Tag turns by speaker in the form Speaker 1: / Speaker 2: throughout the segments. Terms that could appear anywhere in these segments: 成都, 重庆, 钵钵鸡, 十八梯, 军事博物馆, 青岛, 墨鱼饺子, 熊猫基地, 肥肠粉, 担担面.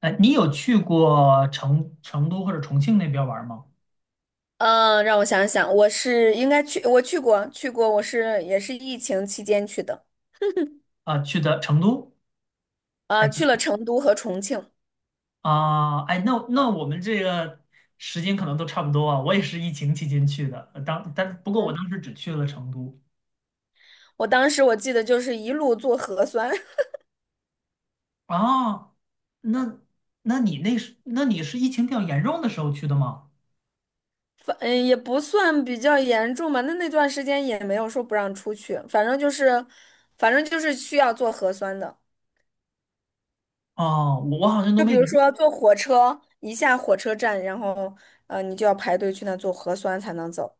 Speaker 1: 你有去过成都或者重庆那边玩吗？
Speaker 2: 嗯，让我想想，我是应该去，我去过，也是疫情期间去的，
Speaker 1: 啊、去的成都还
Speaker 2: 啊、
Speaker 1: 是
Speaker 2: 去了成都和重庆。
Speaker 1: 啊、哎，那我们这个时间可能都差不多啊。我也是疫情期间去的，呃当但不过我
Speaker 2: 嗯，
Speaker 1: 当时只去了成都
Speaker 2: 我当时我记得就是一路做核酸。
Speaker 1: 啊。那你是疫情比较严重的时候去的吗？
Speaker 2: 也不算比较严重吧，那段时间也没有说不让出去，反正就是需要做核酸的。
Speaker 1: 哦，我好像都
Speaker 2: 就
Speaker 1: 没
Speaker 2: 比
Speaker 1: 有
Speaker 2: 如
Speaker 1: 印
Speaker 2: 说坐火车，一下火车站，然后你就要排队去那做核酸才能走。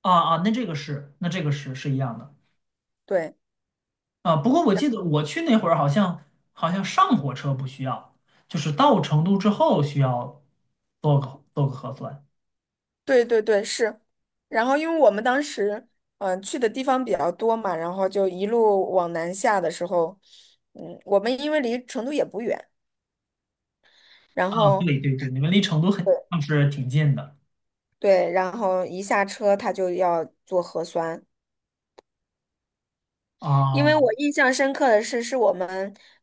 Speaker 1: 啊。啊，那这个是那这个是是一样的。
Speaker 2: 对。
Speaker 1: 啊，不过我记得我去那会儿好像好像上火车不需要，就是到成都之后需要做个核酸
Speaker 2: 对对对，是。然后因为我们当时去的地方比较多嘛，然后就一路往南下的时候，嗯，我们因为离成都也不远，然
Speaker 1: 啊。
Speaker 2: 后
Speaker 1: 对对对，你们离成都很
Speaker 2: 对
Speaker 1: 像是挺近的
Speaker 2: 对，然后一下车他就要做核酸，因
Speaker 1: 啊。
Speaker 2: 为我印象深刻的是，我们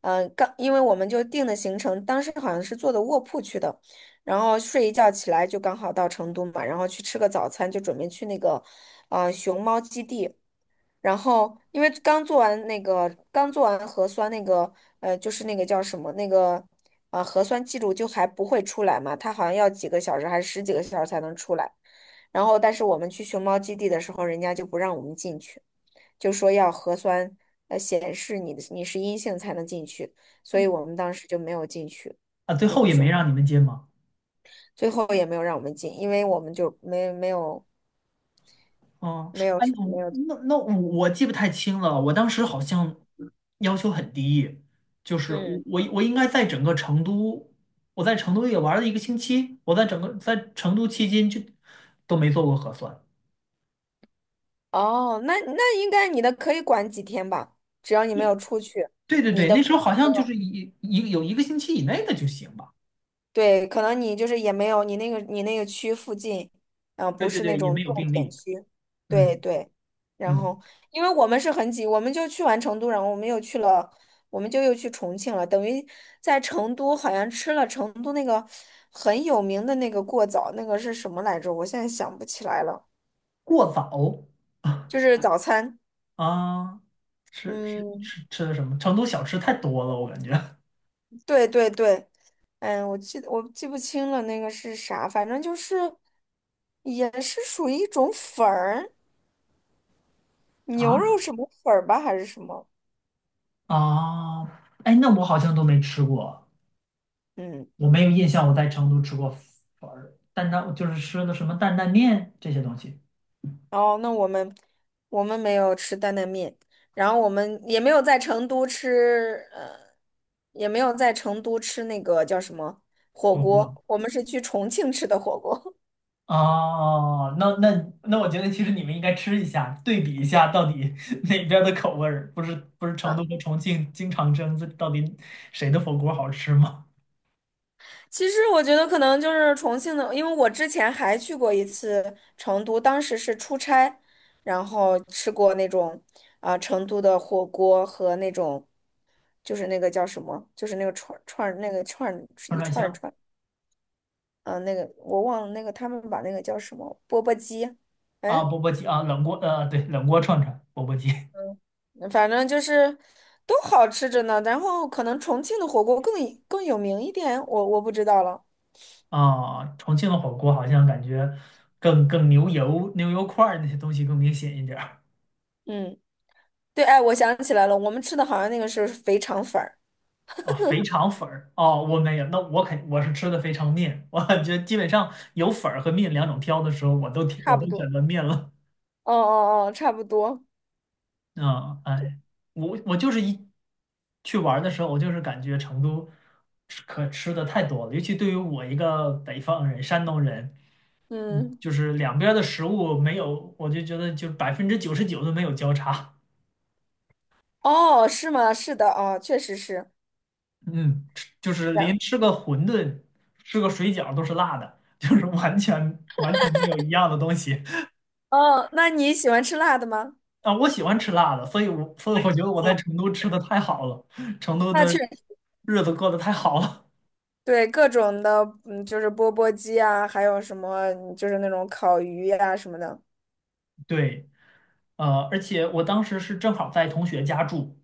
Speaker 2: 嗯、呃刚，因为我们就定的行程，当时好像是坐的卧铺去的，然后睡一觉起来就刚好到成都嘛，然后去吃个早餐，就准备去那个熊猫基地。然后因为刚做完核酸那个就是那个叫什么那个核酸记录就还不会出来嘛，它好像要几个小时还是十几个小时才能出来。然后但是我们去熊猫基地的时候，人家就不让我们进去，就说要核酸显示你的你是阴性才能进去，所以我们当时就没有进去
Speaker 1: 啊，最
Speaker 2: 那
Speaker 1: 后
Speaker 2: 个
Speaker 1: 也没
Speaker 2: 熊，
Speaker 1: 让你们进吗？
Speaker 2: 最后也没有让我们进，因为我们就没有，
Speaker 1: 嗯，
Speaker 2: 没有
Speaker 1: 哎，
Speaker 2: 没
Speaker 1: 我
Speaker 2: 有。
Speaker 1: 那那我我记不太清了，我当时好像要求很低，就是我
Speaker 2: 嗯。
Speaker 1: 我我应该在整个成都，我在成都也玩了一个星期，我在整个在成都期间就都没做过核酸。
Speaker 2: 哦，那应该你的可以管几天吧，只要你没有出去，
Speaker 1: 对对
Speaker 2: 你
Speaker 1: 对，
Speaker 2: 的
Speaker 1: 那时候
Speaker 2: 附
Speaker 1: 好
Speaker 2: 近没
Speaker 1: 像就
Speaker 2: 有，
Speaker 1: 是有一个星期以内的就行吧。
Speaker 2: 对，可能你就是也没有你那个区附近，
Speaker 1: 对
Speaker 2: 不
Speaker 1: 对
Speaker 2: 是那
Speaker 1: 对，也没
Speaker 2: 种
Speaker 1: 有
Speaker 2: 重
Speaker 1: 病
Speaker 2: 点
Speaker 1: 例。
Speaker 2: 区，对
Speaker 1: 嗯。
Speaker 2: 对。然
Speaker 1: 嗯，
Speaker 2: 后，因为我们是很挤，我们就去完成都，我们就又去重庆了，等于在成都好像吃了成都那个很有名的那个过早，那个是什么来着？我现在想不起来了，
Speaker 1: 过早
Speaker 2: 就是早餐，
Speaker 1: 啊，吃吃
Speaker 2: 嗯，
Speaker 1: 吃吃的什么？成都小吃太多了，我感觉
Speaker 2: 对对对。嗯，我记不清了，那个是啥，反正就是也是属于一种粉儿，牛
Speaker 1: 啊。
Speaker 2: 肉什么粉儿吧，还是什么？
Speaker 1: 啊，哎，那我好像都没吃过，
Speaker 2: 嗯，
Speaker 1: 我没有印象我在成都吃过粉儿担担就是吃的什么担担面这些东西。
Speaker 2: 哦，那我们没有吃担担面，然后我们也没有在成都吃，也没有在成都吃那个叫什么火
Speaker 1: 我我
Speaker 2: 锅，我们是去重庆吃的火锅。
Speaker 1: 哦，那，我觉得其实你们应该吃一下，对比一下到底 哪边儿的口味儿，不是不是成都和重庆经常争，这到底谁的火锅好吃吗？
Speaker 2: 其实我觉得可能就是重庆的，因为我之前还去过一次成都，当时是出差，然后吃过那种啊、成都的火锅和那种就是那个叫什么，就是那个串串那个串
Speaker 1: 串串
Speaker 2: 一
Speaker 1: 香
Speaker 2: 串儿，嗯、那个我忘了那个他们把那个叫什么钵钵鸡，
Speaker 1: 啊，
Speaker 2: 哎，
Speaker 1: 钵钵鸡啊，冷锅对，冷锅串串，钵钵鸡
Speaker 2: 反正就是都好吃着呢。然后可能重庆的火锅更有名一点，我不知道了。
Speaker 1: 啊，重庆的火锅好像感觉更牛油块儿那些东西更明显一点儿
Speaker 2: 嗯，对，哎，我想起来了，我们吃的好像那个是肥肠粉儿。
Speaker 1: 啊，肥肠粉儿哦，我没有，那我是吃的肥肠面，我感觉基本上有粉儿和面两种挑的时候，
Speaker 2: 差
Speaker 1: 我都
Speaker 2: 不
Speaker 1: 选
Speaker 2: 多。
Speaker 1: 择面了。
Speaker 2: 哦哦哦，差不多。
Speaker 1: 嗯，哎，我就是一去玩儿的时候，我就是感觉成都吃可吃的太多了，尤其对于我一个北方人、山东人，嗯，
Speaker 2: 嗯，
Speaker 1: 就是两边儿的食物没有，我就觉得就99%都没有交叉。
Speaker 2: 哦，是吗？是的，哦，确实是
Speaker 1: 嗯，吃就是
Speaker 2: 这
Speaker 1: 连
Speaker 2: 样。
Speaker 1: 吃个馄饨、吃个水饺都是辣的，就是完全完全没有一样的东西。
Speaker 2: 哦，那你喜欢吃辣的吗？
Speaker 1: 啊，我喜欢吃辣的，所以我觉得我在成都吃的太好了，成都
Speaker 2: 那
Speaker 1: 的
Speaker 2: 确
Speaker 1: 日子过得太好了。
Speaker 2: 对各种的，嗯，就是钵钵鸡啊，还有什么，嗯就是那种烤鱼呀、什么的。
Speaker 1: 对。呃，而且我当时是正好在同学家住，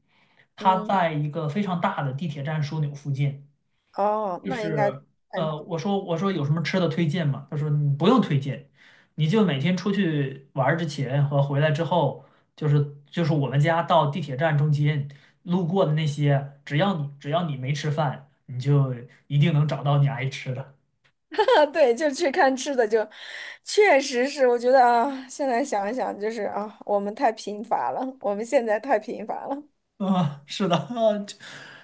Speaker 1: 他
Speaker 2: 嗯，
Speaker 1: 在一个非常大的地铁站枢纽附近。
Speaker 2: 哦，
Speaker 1: 就
Speaker 2: 那应该
Speaker 1: 是
Speaker 2: 嗯，
Speaker 1: 呃，我说有什么吃的推荐吗？他说你不用推荐，你就每天出去玩儿之前和回来之后，就是我们家到地铁站中间路过的那些，只要你没吃饭，你就一定能找到你爱吃的。
Speaker 2: 对，就去看吃的就，确实是，我觉得啊，现在想一想，就是啊，我们太贫乏了，我们现在太贫乏了。
Speaker 1: 啊，是的，啊，就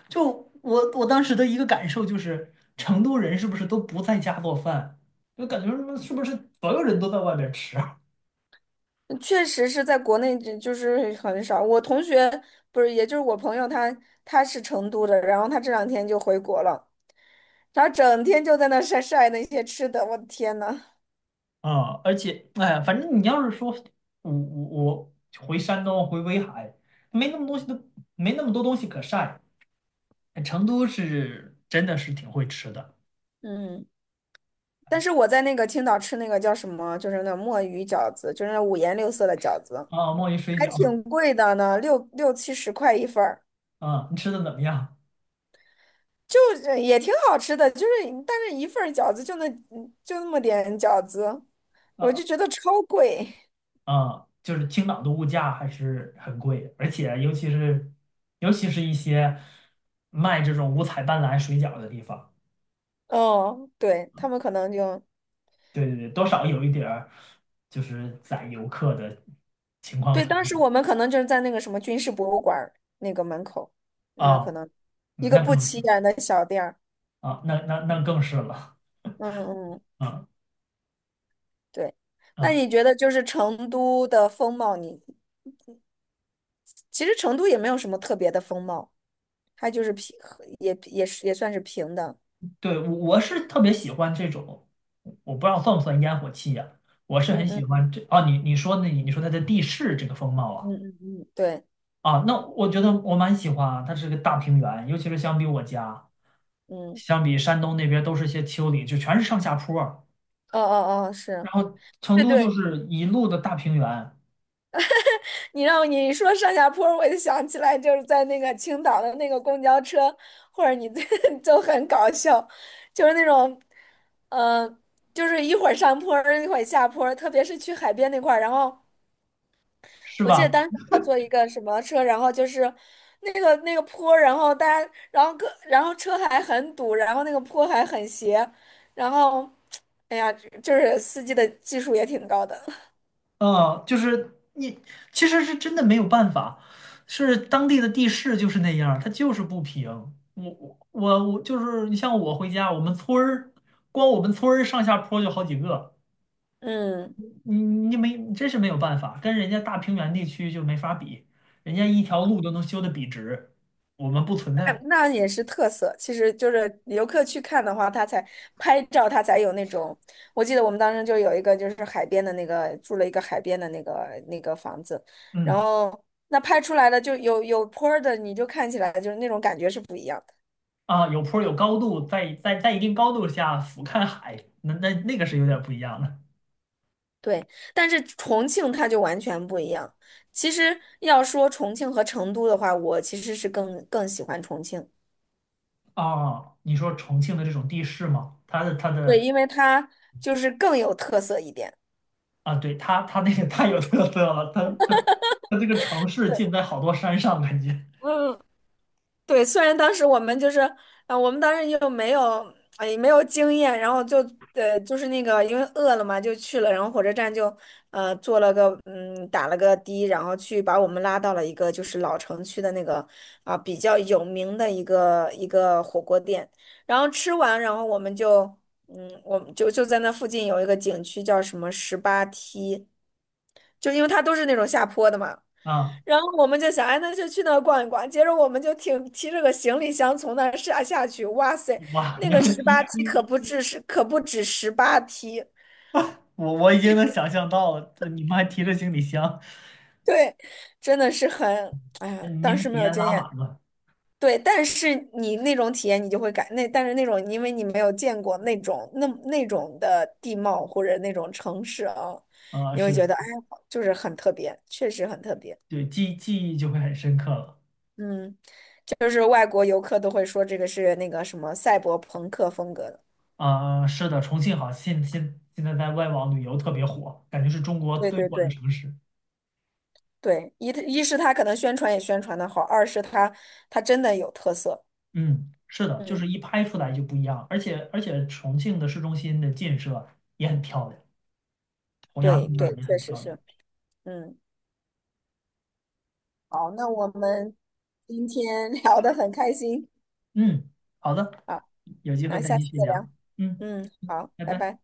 Speaker 1: 我当时的一个感受就是，成都人是不是都不在家做饭？就感觉什么是不是所有人都在外边吃啊？
Speaker 2: 确实是在国内就就是很少。我同学不是，也就是我朋友他，他是成都的，然后他这两天就回国了，他整天就在那晒晒那些吃的，我的天呐，
Speaker 1: 啊，而且，哎呀，反正你要是说我回山东回威海，没那么东西都没那么多东西可晒。哎成都是真的是挺会吃的
Speaker 2: 嗯，但是我在那个青岛吃那个叫什么，就是那墨鱼饺子，就是那五颜六色的饺子，
Speaker 1: 啊，墨鱼水
Speaker 2: 还
Speaker 1: 饺
Speaker 2: 挺贵的呢，六七十块一份儿，
Speaker 1: 啊，你吃的怎么样？
Speaker 2: 就是也挺好吃的，就是但是一份儿饺子就那么点饺子，我
Speaker 1: 啊？
Speaker 2: 就觉得超贵。
Speaker 1: 嗯，就是青岛的物价还是很贵，而且尤其是一些卖这种五彩斑斓水饺的地方，
Speaker 2: 哦，对，他们可能就
Speaker 1: 对对对，多少有一点儿就是宰游客的情况
Speaker 2: 对，
Speaker 1: 存
Speaker 2: 当
Speaker 1: 在
Speaker 2: 时我们可能就是在那个什么军事博物馆儿那个门口，那
Speaker 1: 啊，
Speaker 2: 可能一
Speaker 1: 嗯
Speaker 2: 个
Speaker 1: 那
Speaker 2: 不
Speaker 1: 更是
Speaker 2: 起眼的小店儿。
Speaker 1: 啊，那那那更是了，
Speaker 2: 嗯嗯，
Speaker 1: 嗯。
Speaker 2: 对。那
Speaker 1: 嗯，
Speaker 2: 你觉得就是成都的风貌你，其实成都也没有什么特别的风貌，它就是平，也算是平的。
Speaker 1: 对，我是特别喜欢这种，我不知道算不算烟火气呀、我是
Speaker 2: 嗯
Speaker 1: 很喜
Speaker 2: 嗯
Speaker 1: 欢这啊，你说它的地势这个风貌啊。
Speaker 2: 嗯嗯嗯，对，
Speaker 1: 啊，那我觉得我蛮喜欢啊，它是个大平原，尤其是相比我家，
Speaker 2: 嗯，
Speaker 1: 相比山东那边都是些丘陵，就全是上下坡儿，
Speaker 2: 哦哦哦，是，
Speaker 1: 然后成
Speaker 2: 对
Speaker 1: 都就
Speaker 2: 对。
Speaker 1: 是一路的大平原，
Speaker 2: 你让你说上下坡，我就想起来就是在那个青岛的那个公交车，或者你 就很搞笑，就是那种，嗯，就是一会儿上坡儿一会儿下坡儿特别是去海边那块儿。然后
Speaker 1: 是
Speaker 2: 我记得
Speaker 1: 吧？
Speaker 2: 当时我坐一个什么车，然后就是那个坡儿然后大家，然后各，然后车还很堵，然后那个坡还很斜，然后，哎呀，就是司机的技术也挺高的，
Speaker 1: 嗯，就是其实是真的没有办法，是当地的地势就是那样儿它就是不平。我就是你像我回家，我们村儿光我们村儿上下坡就好几个。
Speaker 2: 嗯。
Speaker 1: 你没，真是没有办法，跟人家大平原地区就没法比，人家一条路都能修得笔直，我们不存
Speaker 2: 哎
Speaker 1: 在。
Speaker 2: 那那也是特色，其实就是游客去看的话，他才拍照，他才有那种。我记得我们当时就有一个，就是海边的那个，住了一个海边的那个那个房子，然
Speaker 1: 嗯。
Speaker 2: 后那拍出来的就有坡儿的，你就看起来就是那种感觉是不一样的。
Speaker 1: 啊，有坡儿有高度，在一定高度下俯瞰海，那个是有点不一样的。
Speaker 2: 对，但是重庆它就完全不一样。其实要说重庆和成都的话，我其实是更喜欢重庆，
Speaker 1: 啊。你说重庆的这种地势吗？它的它
Speaker 2: 对，
Speaker 1: 的
Speaker 2: 因为它就是更有特色一点。
Speaker 1: 啊，对，它那个太有特色了，它这个城市建在好多山上，感觉
Speaker 2: 嗯。对，虽然当时我们就是，我们当时又没有，哎，没有经验，然后就，就是那个，因为饿了嘛，就去了，然后火车站就，坐了个，嗯，打了个的，然后去把我们拉到了一个就是老城区的那个，啊、比较有名的一个火锅店，然后吃完，然后我们就，嗯，我们就在那附近有一个景区叫什么十八梯，就因为它都是那种下坡的嘛。
Speaker 1: 啊，
Speaker 2: 然后我们就想，哎，那就去那儿逛一逛。接着我们就挺提着个行李箱从那儿下去，哇塞，
Speaker 1: 哇，
Speaker 2: 那
Speaker 1: 你
Speaker 2: 个
Speaker 1: 要
Speaker 2: 十八
Speaker 1: 你
Speaker 2: 梯
Speaker 1: 你
Speaker 2: 可不止十八梯，
Speaker 1: 我已经能想象到了，这你们还提着行李箱，
Speaker 2: 对，真的是很，哎
Speaker 1: 你
Speaker 2: 呀，当
Speaker 1: 们
Speaker 2: 时
Speaker 1: 体
Speaker 2: 没有
Speaker 1: 验
Speaker 2: 经
Speaker 1: 拉
Speaker 2: 验，
Speaker 1: 满了。
Speaker 2: 对，但是你那种体验你就会感那，但是那种因为你没有见过那种那种的地貌或者那种城市啊，
Speaker 1: 呃，
Speaker 2: 你会
Speaker 1: 是，
Speaker 2: 觉得哎呀，就是很特别，确实很特别，
Speaker 1: 对，记忆就会很深刻了。
Speaker 2: 嗯，就是外国游客都会说这个是那个什么赛博朋克风格的。
Speaker 1: 啊、是的，重庆好，现在在外网旅游特别火，感觉是中国
Speaker 2: 对
Speaker 1: 最
Speaker 2: 对
Speaker 1: 火的
Speaker 2: 对
Speaker 1: 城市。
Speaker 2: 对，一是他可能宣传也宣传的好，二是他真的有特色。
Speaker 1: 嗯，是的，就
Speaker 2: 嗯，
Speaker 1: 是一拍出来就不一样，而且重庆的市中心的建设也很漂亮，洪崖
Speaker 2: 对
Speaker 1: 洞那儿
Speaker 2: 对，
Speaker 1: 也
Speaker 2: 确
Speaker 1: 很
Speaker 2: 实
Speaker 1: 漂亮。
Speaker 2: 是。嗯，好，那我们今天 聊的很开心
Speaker 1: 嗯，好的，
Speaker 2: 啊，
Speaker 1: 有机会
Speaker 2: 那
Speaker 1: 再
Speaker 2: 下
Speaker 1: 继
Speaker 2: 次
Speaker 1: 续
Speaker 2: 再
Speaker 1: 聊。
Speaker 2: 聊。
Speaker 1: 嗯，
Speaker 2: 嗯，
Speaker 1: 嗯
Speaker 2: 好，
Speaker 1: 拜
Speaker 2: 拜
Speaker 1: 拜。
Speaker 2: 拜。